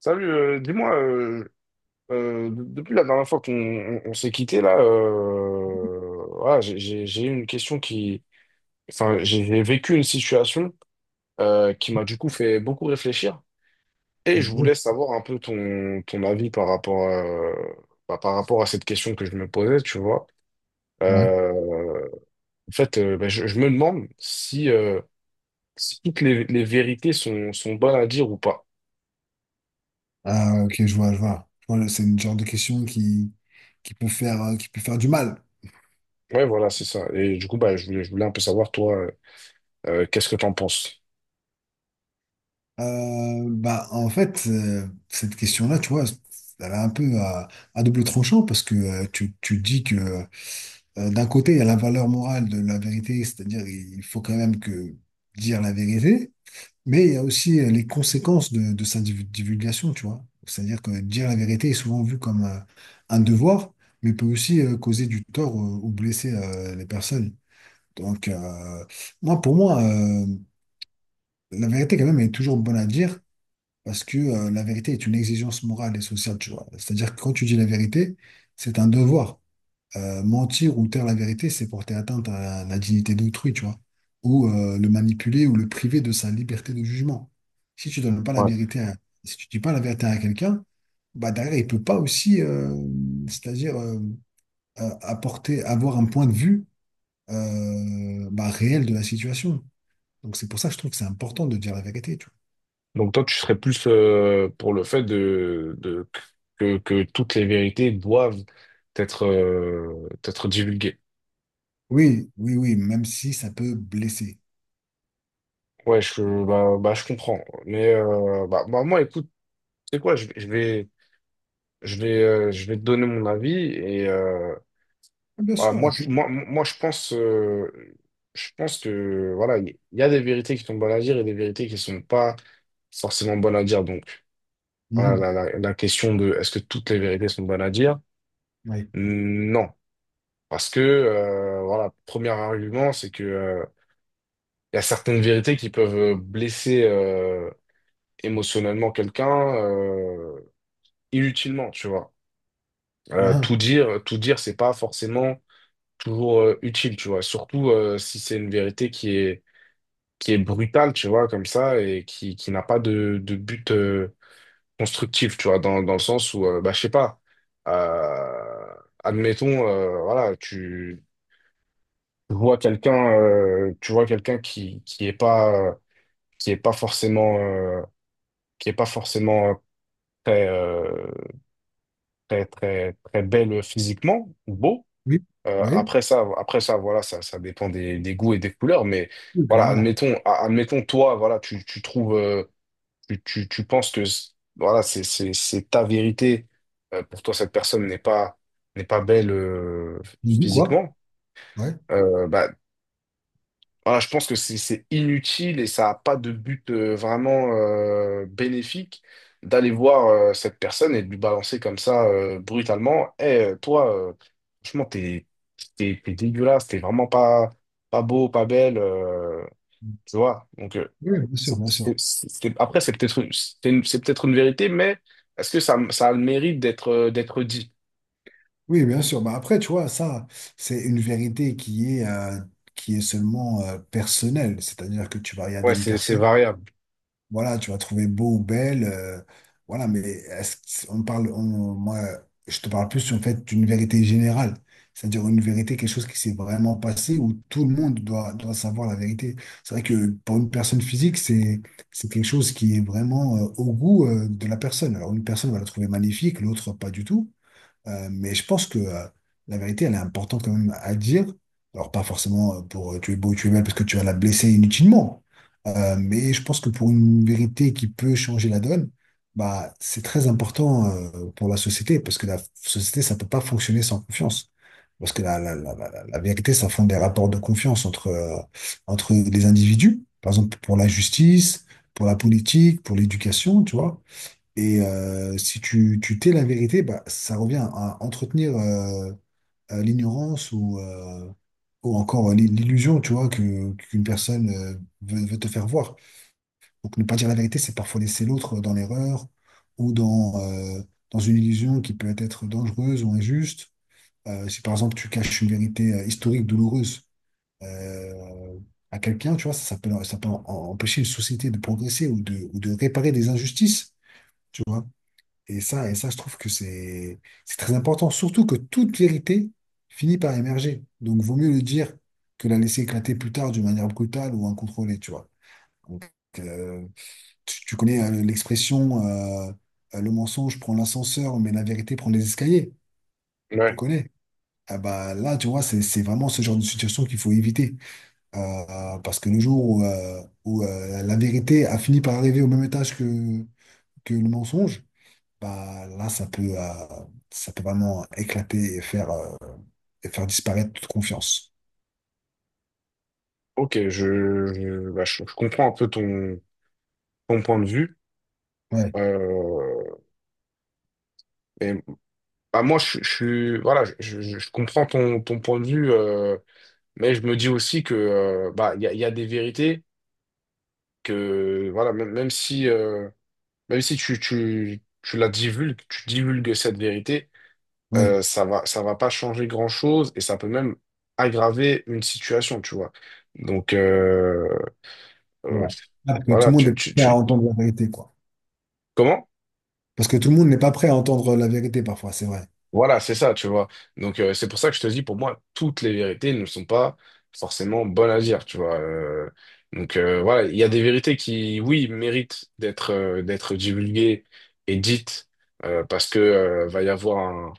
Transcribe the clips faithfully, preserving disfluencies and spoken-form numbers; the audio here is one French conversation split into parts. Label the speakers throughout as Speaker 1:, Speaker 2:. Speaker 1: Salut, euh, dis-moi, euh, euh, de- depuis la dernière fois qu'on on- on s'est quitté, là, euh, voilà, j'ai j'ai- j'ai eu une question qui... Enfin, j'ai j'ai vécu une situation euh, qui m'a du coup fait beaucoup réfléchir. Et je
Speaker 2: Ouais.
Speaker 1: voulais savoir un peu ton, ton avis par rapport, euh, bah, par rapport à cette question que je me posais, tu vois. Euh, En fait, euh, bah, je, je me demande si, euh, si toutes les, les vérités sont, sont bonnes à dire ou pas.
Speaker 2: Ah, ok, je vois, je vois. Je vois, c'est une genre de question qui, qui peut faire, euh, qui peut faire du mal.
Speaker 1: Ouais, voilà, c'est ça. Et du coup, bah, je voulais, je voulais un peu savoir, toi. Euh, qu'est-ce que t'en penses?
Speaker 2: Euh, bah, en fait, euh, cette question-là, tu vois, elle est un peu à, à double tranchant parce que euh, tu, tu dis que euh, d'un côté, il y a la valeur morale de la vérité, c'est-à-dire il faut quand même que dire la vérité. Mais il y a aussi euh, les conséquences de, de sa div- divulgation, tu vois. C'est-à-dire que dire la vérité est souvent vu comme un, un devoir, mais peut aussi euh, causer du tort euh, ou blesser euh, les personnes. Donc, euh, moi, pour moi, euh, la vérité, quand même, est toujours bonne à dire parce que euh, la vérité est une exigence morale et sociale, tu vois. C'est-à-dire que quand tu dis la vérité, c'est un devoir. Euh, mentir ou taire la vérité, c'est porter atteinte à la dignité d'autrui, tu vois, ou euh, le manipuler ou le priver de sa liberté de jugement. Si tu donnes pas la
Speaker 1: Ouais.
Speaker 2: vérité à, si tu dis pas la vérité à quelqu'un, bah derrière, il peut pas aussi, euh, c'est-à-dire euh, euh, apporter, avoir un point de vue euh, bah, réel de la situation. Donc c'est pour ça que je trouve que c'est important de dire la vérité, tu vois.
Speaker 1: Donc toi, tu serais plus euh, pour le fait de, de que, que toutes les vérités doivent être, euh, être divulguées.
Speaker 2: Oui, oui, oui, même si ça peut blesser.
Speaker 1: Ouais, je, bah, bah, je comprends. Mais euh, bah, bah, moi, écoute, c'est quoi, je, vais, je vais, je vais euh, je vais te donner mon avis. Et euh,
Speaker 2: Bien
Speaker 1: voilà,
Speaker 2: sûr,
Speaker 1: moi,
Speaker 2: avec
Speaker 1: je-
Speaker 2: lui.
Speaker 1: moi, moi, je pense, euh, je pense que voilà, il y a des vérités qui sont bonnes à dire et des vérités qui sont pas forcément bonnes à dire. Donc. Voilà,
Speaker 2: Mhm.
Speaker 1: la, la- la question de est-ce que toutes les vérités sont bonnes à dire?
Speaker 2: Oui.
Speaker 1: Non. Parce que, euh, voilà, premier argument, c'est que, euh, il y a certaines vérités qui peuvent euh, blesser euh, émotionnellement quelqu'un euh, inutilement, tu vois. Euh, tout
Speaker 2: Ah.
Speaker 1: dire, tout dire, c'est pas forcément toujours euh, utile, tu vois. Surtout euh, si c'est une vérité qui est, qui est brutale, tu vois, comme ça, et qui, qui n'a pas de, de but euh, constructif, tu vois, dans, dans le sens où, euh, bah, je sais pas, euh, admettons, euh, voilà, tu vois quelqu'un, euh, tu vois quelqu'un qui, qui est pas, euh, qui est pas forcément, euh, qui est pas forcément euh, très, euh, très, très, très belle physiquement, ou beau.
Speaker 2: Oui,
Speaker 1: Euh,
Speaker 2: oui,
Speaker 1: après ça, après ça, voilà, ça, ça dépend des, des goûts et des couleurs, mais
Speaker 2: oui,
Speaker 1: voilà,
Speaker 2: clairement.
Speaker 1: admettons, a- admettons, toi, voilà, tu, tu trouves, euh, tu, tu, tu penses que voilà, c'est, c'est, c'est ta vérité. Euh, pour toi, cette personne n'est pas, n'est pas belle euh,
Speaker 2: Du coup, quoi?
Speaker 1: physiquement.
Speaker 2: Ouais.
Speaker 1: Euh, bah, voilà, je pense que c'est c'est inutile et ça n'a pas de but euh, vraiment euh, bénéfique d'aller voir euh, cette personne et de lui balancer comme ça euh, brutalement. Eh, toi, euh, franchement, t'es, t'es, t'es dégueulasse, t'es vraiment pas, pas beau, pas belle. Euh, tu vois? Donc, euh,
Speaker 2: Oui, bien sûr,
Speaker 1: c'est,
Speaker 2: bien sûr.
Speaker 1: c'est- c'est- c'est- après, c'est peut-être une- c'est une- c'est peut-être une vérité, mais est-ce que ça, ça a le mérite d'être euh, d'être dit?
Speaker 2: Oui, bien sûr. Bah après, tu vois, ça, c'est une vérité qui est, euh, qui est seulement euh, personnelle. C'est-à-dire que tu vas regarder
Speaker 1: Ouais,
Speaker 2: une
Speaker 1: c'est c'est
Speaker 2: personne,
Speaker 1: variable.
Speaker 2: voilà, tu vas trouver beau ou belle, euh, voilà, mais est-ce que- on parle, on- moi, je te parle plus en fait d'une vérité générale. C'est-à-dire une vérité, quelque chose qui s'est vraiment passé où tout le monde doit, doit savoir la vérité. C'est vrai que pour une personne physique, c'est, c'est quelque chose qui est vraiment euh, au goût euh, de la personne. Alors, une personne va la trouver magnifique, l'autre pas du tout. Euh, mais je pense que euh, la vérité, elle est importante quand même à dire. Alors, pas forcément euh, pour euh, tu es beau, tu es belle, parce que tu vas la blesser inutilement. Euh, mais je pense que pour une vérité qui peut changer la donne, bah, c'est très important euh, pour la société, parce que la société, ça peut pas fonctionner sans confiance. Parce que la, la, la, la, la vérité, ça fonde des rapports de confiance entre, euh, entre les individus, par exemple pour la justice, pour la politique, pour l'éducation, tu vois. Et euh, si tu, tu tais la vérité, bah, ça revient à entretenir euh, euh, l'ignorance ou, euh, ou encore euh, l'i- l'illusion, tu vois, que, qu'une personne euh, veut, veut te faire voir. Donc ne pas dire la vérité, c'est parfois laisser l'autre dans l'erreur ou dans, euh, dans une illusion qui peut être dangereuse ou injuste. Euh, si par exemple tu caches une vérité euh, historique douloureuse euh, à quelqu'un, tu vois, ça, ça peut, ça peut en- en- empêcher une société de progresser ou de, ou de réparer des injustices. Et ça, et ça, je trouve que c'est c'est très important, surtout que toute vérité finit par émerger. Donc, vaut mieux le dire que la laisser éclater plus tard d'une manière brutale ou incontrôlée, tu vois. Donc, euh, tu, tu connais euh, l'expression euh, euh, le mensonge prend l'ascenseur, mais la vérité prend les escaliers. Tu
Speaker 1: Ouais.
Speaker 2: connais? Ah bah là, tu vois, c'est c'est vraiment ce genre de situation qu'il faut éviter. Euh, euh, Parce que le jour où, euh, où, euh, la vérité a fini par arriver au même étage que, que le mensonge, bah là ça peut euh, ça peut vraiment éclater et faire euh, et faire disparaître toute confiance.
Speaker 1: Ok, je, je, bah, je, je comprends un peu ton, ton point de vue.
Speaker 2: Ouais,
Speaker 1: Euh, et, Bah, moi, je, je, suis- voilà, je, je, je comprends ton, ton point de vue, euh, mais je me dis aussi que euh, bah, il y a, il y a des vérités que voilà, même, même si euh, même si tu, tu, tu la divulgues, tu divulgues cette vérité
Speaker 2: ouais,
Speaker 1: euh, ça va, ça va pas changer grand-chose et ça peut même aggraver une situation, tu vois. Donc, euh, euh,
Speaker 2: ouais. Parce que tout
Speaker 1: voilà,
Speaker 2: le monde
Speaker 1: tu,
Speaker 2: est
Speaker 1: tu,
Speaker 2: prêt à
Speaker 1: tu-
Speaker 2: entendre la vérité, quoi.
Speaker 1: comment?
Speaker 2: Parce que tout le monde n'est pas prêt à entendre la vérité parfois, c'est vrai.
Speaker 1: Voilà, c'est ça, tu vois. Donc, euh, c'est pour ça que je te dis, pour moi, toutes les vérités ne sont pas forcément bonnes à dire, tu vois. Euh, donc, euh, voilà, il y a des vérités qui, oui, méritent d'être euh, d'être divulguées et dites euh, parce que euh, va y avoir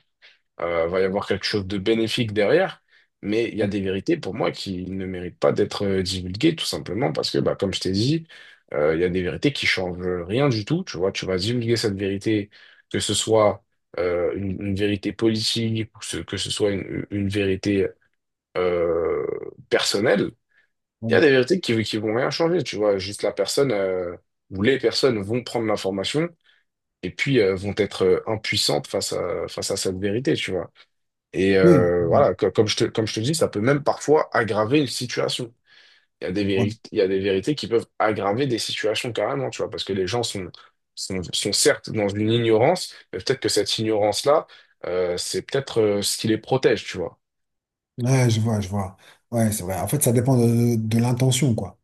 Speaker 1: euh, va y avoir quelque chose de bénéfique derrière, mais il y a
Speaker 2: Ouais,
Speaker 1: des vérités pour moi qui ne méritent pas d'être euh, divulguées, tout simplement parce que, bah, comme je t'ai dit, euh, il y a des vérités qui changent rien du tout. Tu vois, tu vas divulguer cette vérité, que ce soit euh, une, une vérité politique ou ce- que ce soit une, une vérité euh, personnelle. Il y
Speaker 2: ouais.
Speaker 1: a des vérités qui, qui vont rien changer, tu vois, juste la personne euh, ou les personnes vont prendre l'information et puis euh, vont être euh, impuissantes face à, face à cette vérité, tu vois. Et
Speaker 2: Oui,
Speaker 1: euh, voilà, co- comme je te, comme je te dis, ça peut même parfois aggraver une situation. Il y a des
Speaker 2: ouais.
Speaker 1: vérités, il y a des vérités qui peuvent aggraver des situations carrément, tu vois, parce que les gens sont, sont, sont certes dans une ignorance, mais peut-être que cette ignorance-là, euh, c'est peut-être euh, ce qui les protège, tu vois.
Speaker 2: Ouais, je vois, je vois. Ouais, c'est vrai. En fait, ça dépend de, de l'intention, quoi.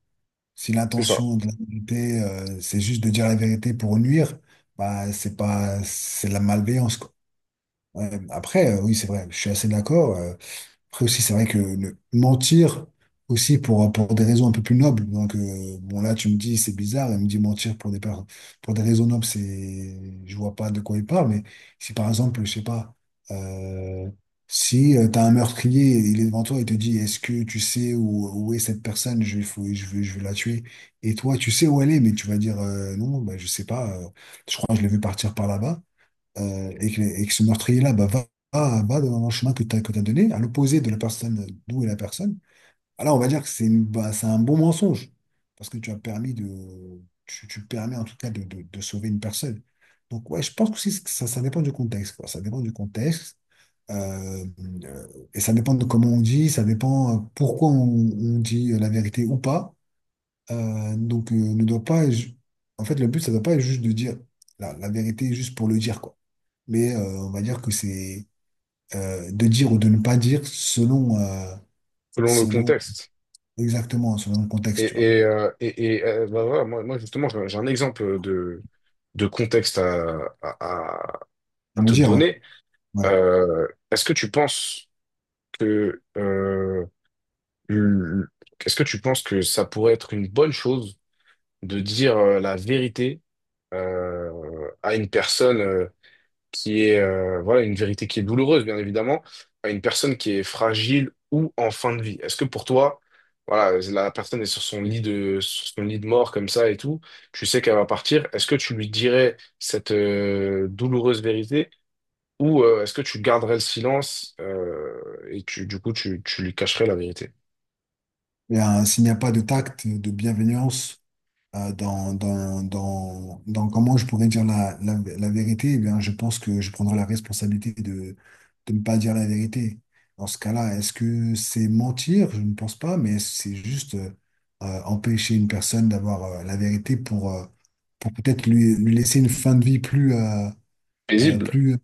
Speaker 2: Si
Speaker 1: C'est ça,
Speaker 2: l'intention de la vérité, euh, c'est juste de dire la vérité pour nuire, bah c'est pas c'est de la malveillance, quoi. Ouais. Après, euh, oui, c'est vrai, je suis assez d'accord. euh, Après aussi, c'est vrai que le- mentir aussi pour, pour des raisons un peu plus nobles. Donc, euh, bon, là, tu me dis, c'est bizarre. Elle me dit mentir pour des, par- pour des raisons nobles, c'est, je vois pas de quoi il parle. Mais si, par exemple, je sais pas, euh, si tu as un meurtrier, il est devant toi et te dit, est-ce que tu sais où, où est cette personne? Je, faut, je veux, je veux la tuer. Et toi, tu sais où elle est, mais tu vas dire, euh, non, bah, je sais pas. Euh, je crois que je l'ai vu partir par là-bas euh, et que, et que ce meurtrier-là bah, va, va, va dans le chemin que tu as, que t'as donné, à l'opposé de la personne, d'où est la personne, alors on va dire que c'est une- bah, c'est un bon mensonge, parce que tu as permis de, tu, tu permets en tout cas de, de- de sauver une personne. Donc ouais, je pense que aussi, ça, ça dépend du contexte, quoi. Ça dépend du contexte. euh, euh, et ça dépend de comment on dit, ça dépend euh, pourquoi on, on dit la vérité ou pas. Euh, donc, euh, ne doit pas. Ju- En fait, le but, ça ne doit pas être juste de dire la, la vérité juste pour le dire, quoi mais euh, on va dire que c'est euh, de dire ou de ne pas dire selon, euh,
Speaker 1: selon le
Speaker 2: selon
Speaker 1: contexte.
Speaker 2: exactement, selon le contexte, tu vois.
Speaker 1: Et, et, euh, et, et, euh, bah voilà, moi, moi, justement, j'ai j'ai un exemple de, de contexte à, à, à
Speaker 2: À
Speaker 1: à
Speaker 2: me
Speaker 1: te
Speaker 2: dire, ouais.
Speaker 1: donner.
Speaker 2: Ouais.
Speaker 1: Euh, est-ce que tu penses que euh, Hum, Est-ce que tu penses que ça pourrait être une bonne chose de dire euh, la vérité euh, à une personne euh, qui est euh, voilà une vérité qui est douloureuse, bien évidemment, à une personne qui est fragile ou en fin de vie? Est-ce que pour toi, voilà, la personne est sur son lit de sur son lit de mort comme ça et tout, tu sais qu'elle va partir, est-ce que tu lui dirais cette euh, douloureuse vérité ou euh, est-ce que tu garderais le silence euh, et tu du coup tu, tu lui cacherais la vérité?
Speaker 2: Et, euh, s'il n'y a pas de tact, de bienveillance, euh, dans, dans, dans, dans comment je pourrais dire la, la, la vérité, eh bien, je pense que je prendrai la responsabilité de, de ne pas dire la vérité. Dans ce cas-là, est-ce que c'est mentir? Je ne pense pas, mais c'est juste euh, euh, empêcher une personne d'avoir euh, la vérité pour, euh, pour peut-être lui, lui laisser une fin de vie plus, euh, euh,
Speaker 1: Paisible.
Speaker 2: plus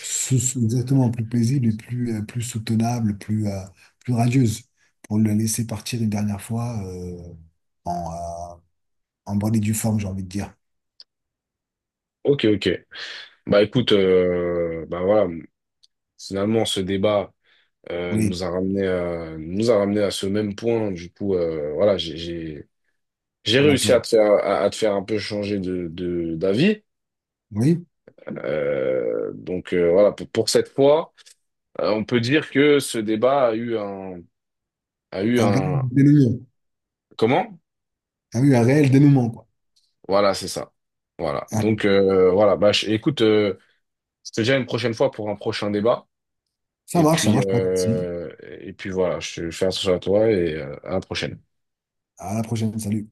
Speaker 2: sou- sou- exactement plus paisible et plus, euh, plus soutenable, plus, euh, plus radieuse, pour le laisser partir une dernière fois euh, en bonne et due forme, j'ai envie de dire.
Speaker 1: Ok, ok. Bah écoute, euh, bah voilà, finalement ce débat euh,
Speaker 2: Oui,
Speaker 1: nous a ramené à, nous a ramené à ce même point. Du coup, euh, voilà, j'ai j'ai j'ai
Speaker 2: on a
Speaker 1: réussi
Speaker 2: peur.
Speaker 1: à te faire à, à te faire un peu changer de de d'avis.
Speaker 2: Oui,
Speaker 1: Euh, donc euh, voilà, pour, pour cette fois, euh, on peut dire que ce débat a eu un a eu
Speaker 2: un réel
Speaker 1: un
Speaker 2: dénouement.
Speaker 1: comment?
Speaker 2: Ah oui, un réel dénouement, quoi.
Speaker 1: Voilà, c'est ça. Voilà.
Speaker 2: Ah,
Speaker 1: Donc euh, voilà, bah je- écoute, euh, je te dis à une prochaine fois pour un prochain débat.
Speaker 2: ça
Speaker 1: Et
Speaker 2: marche, ça
Speaker 1: puis,
Speaker 2: marche, pas de souci.
Speaker 1: euh, et puis voilà, je, je fais attention à toi et euh, à la prochaine.
Speaker 2: À la prochaine, salut.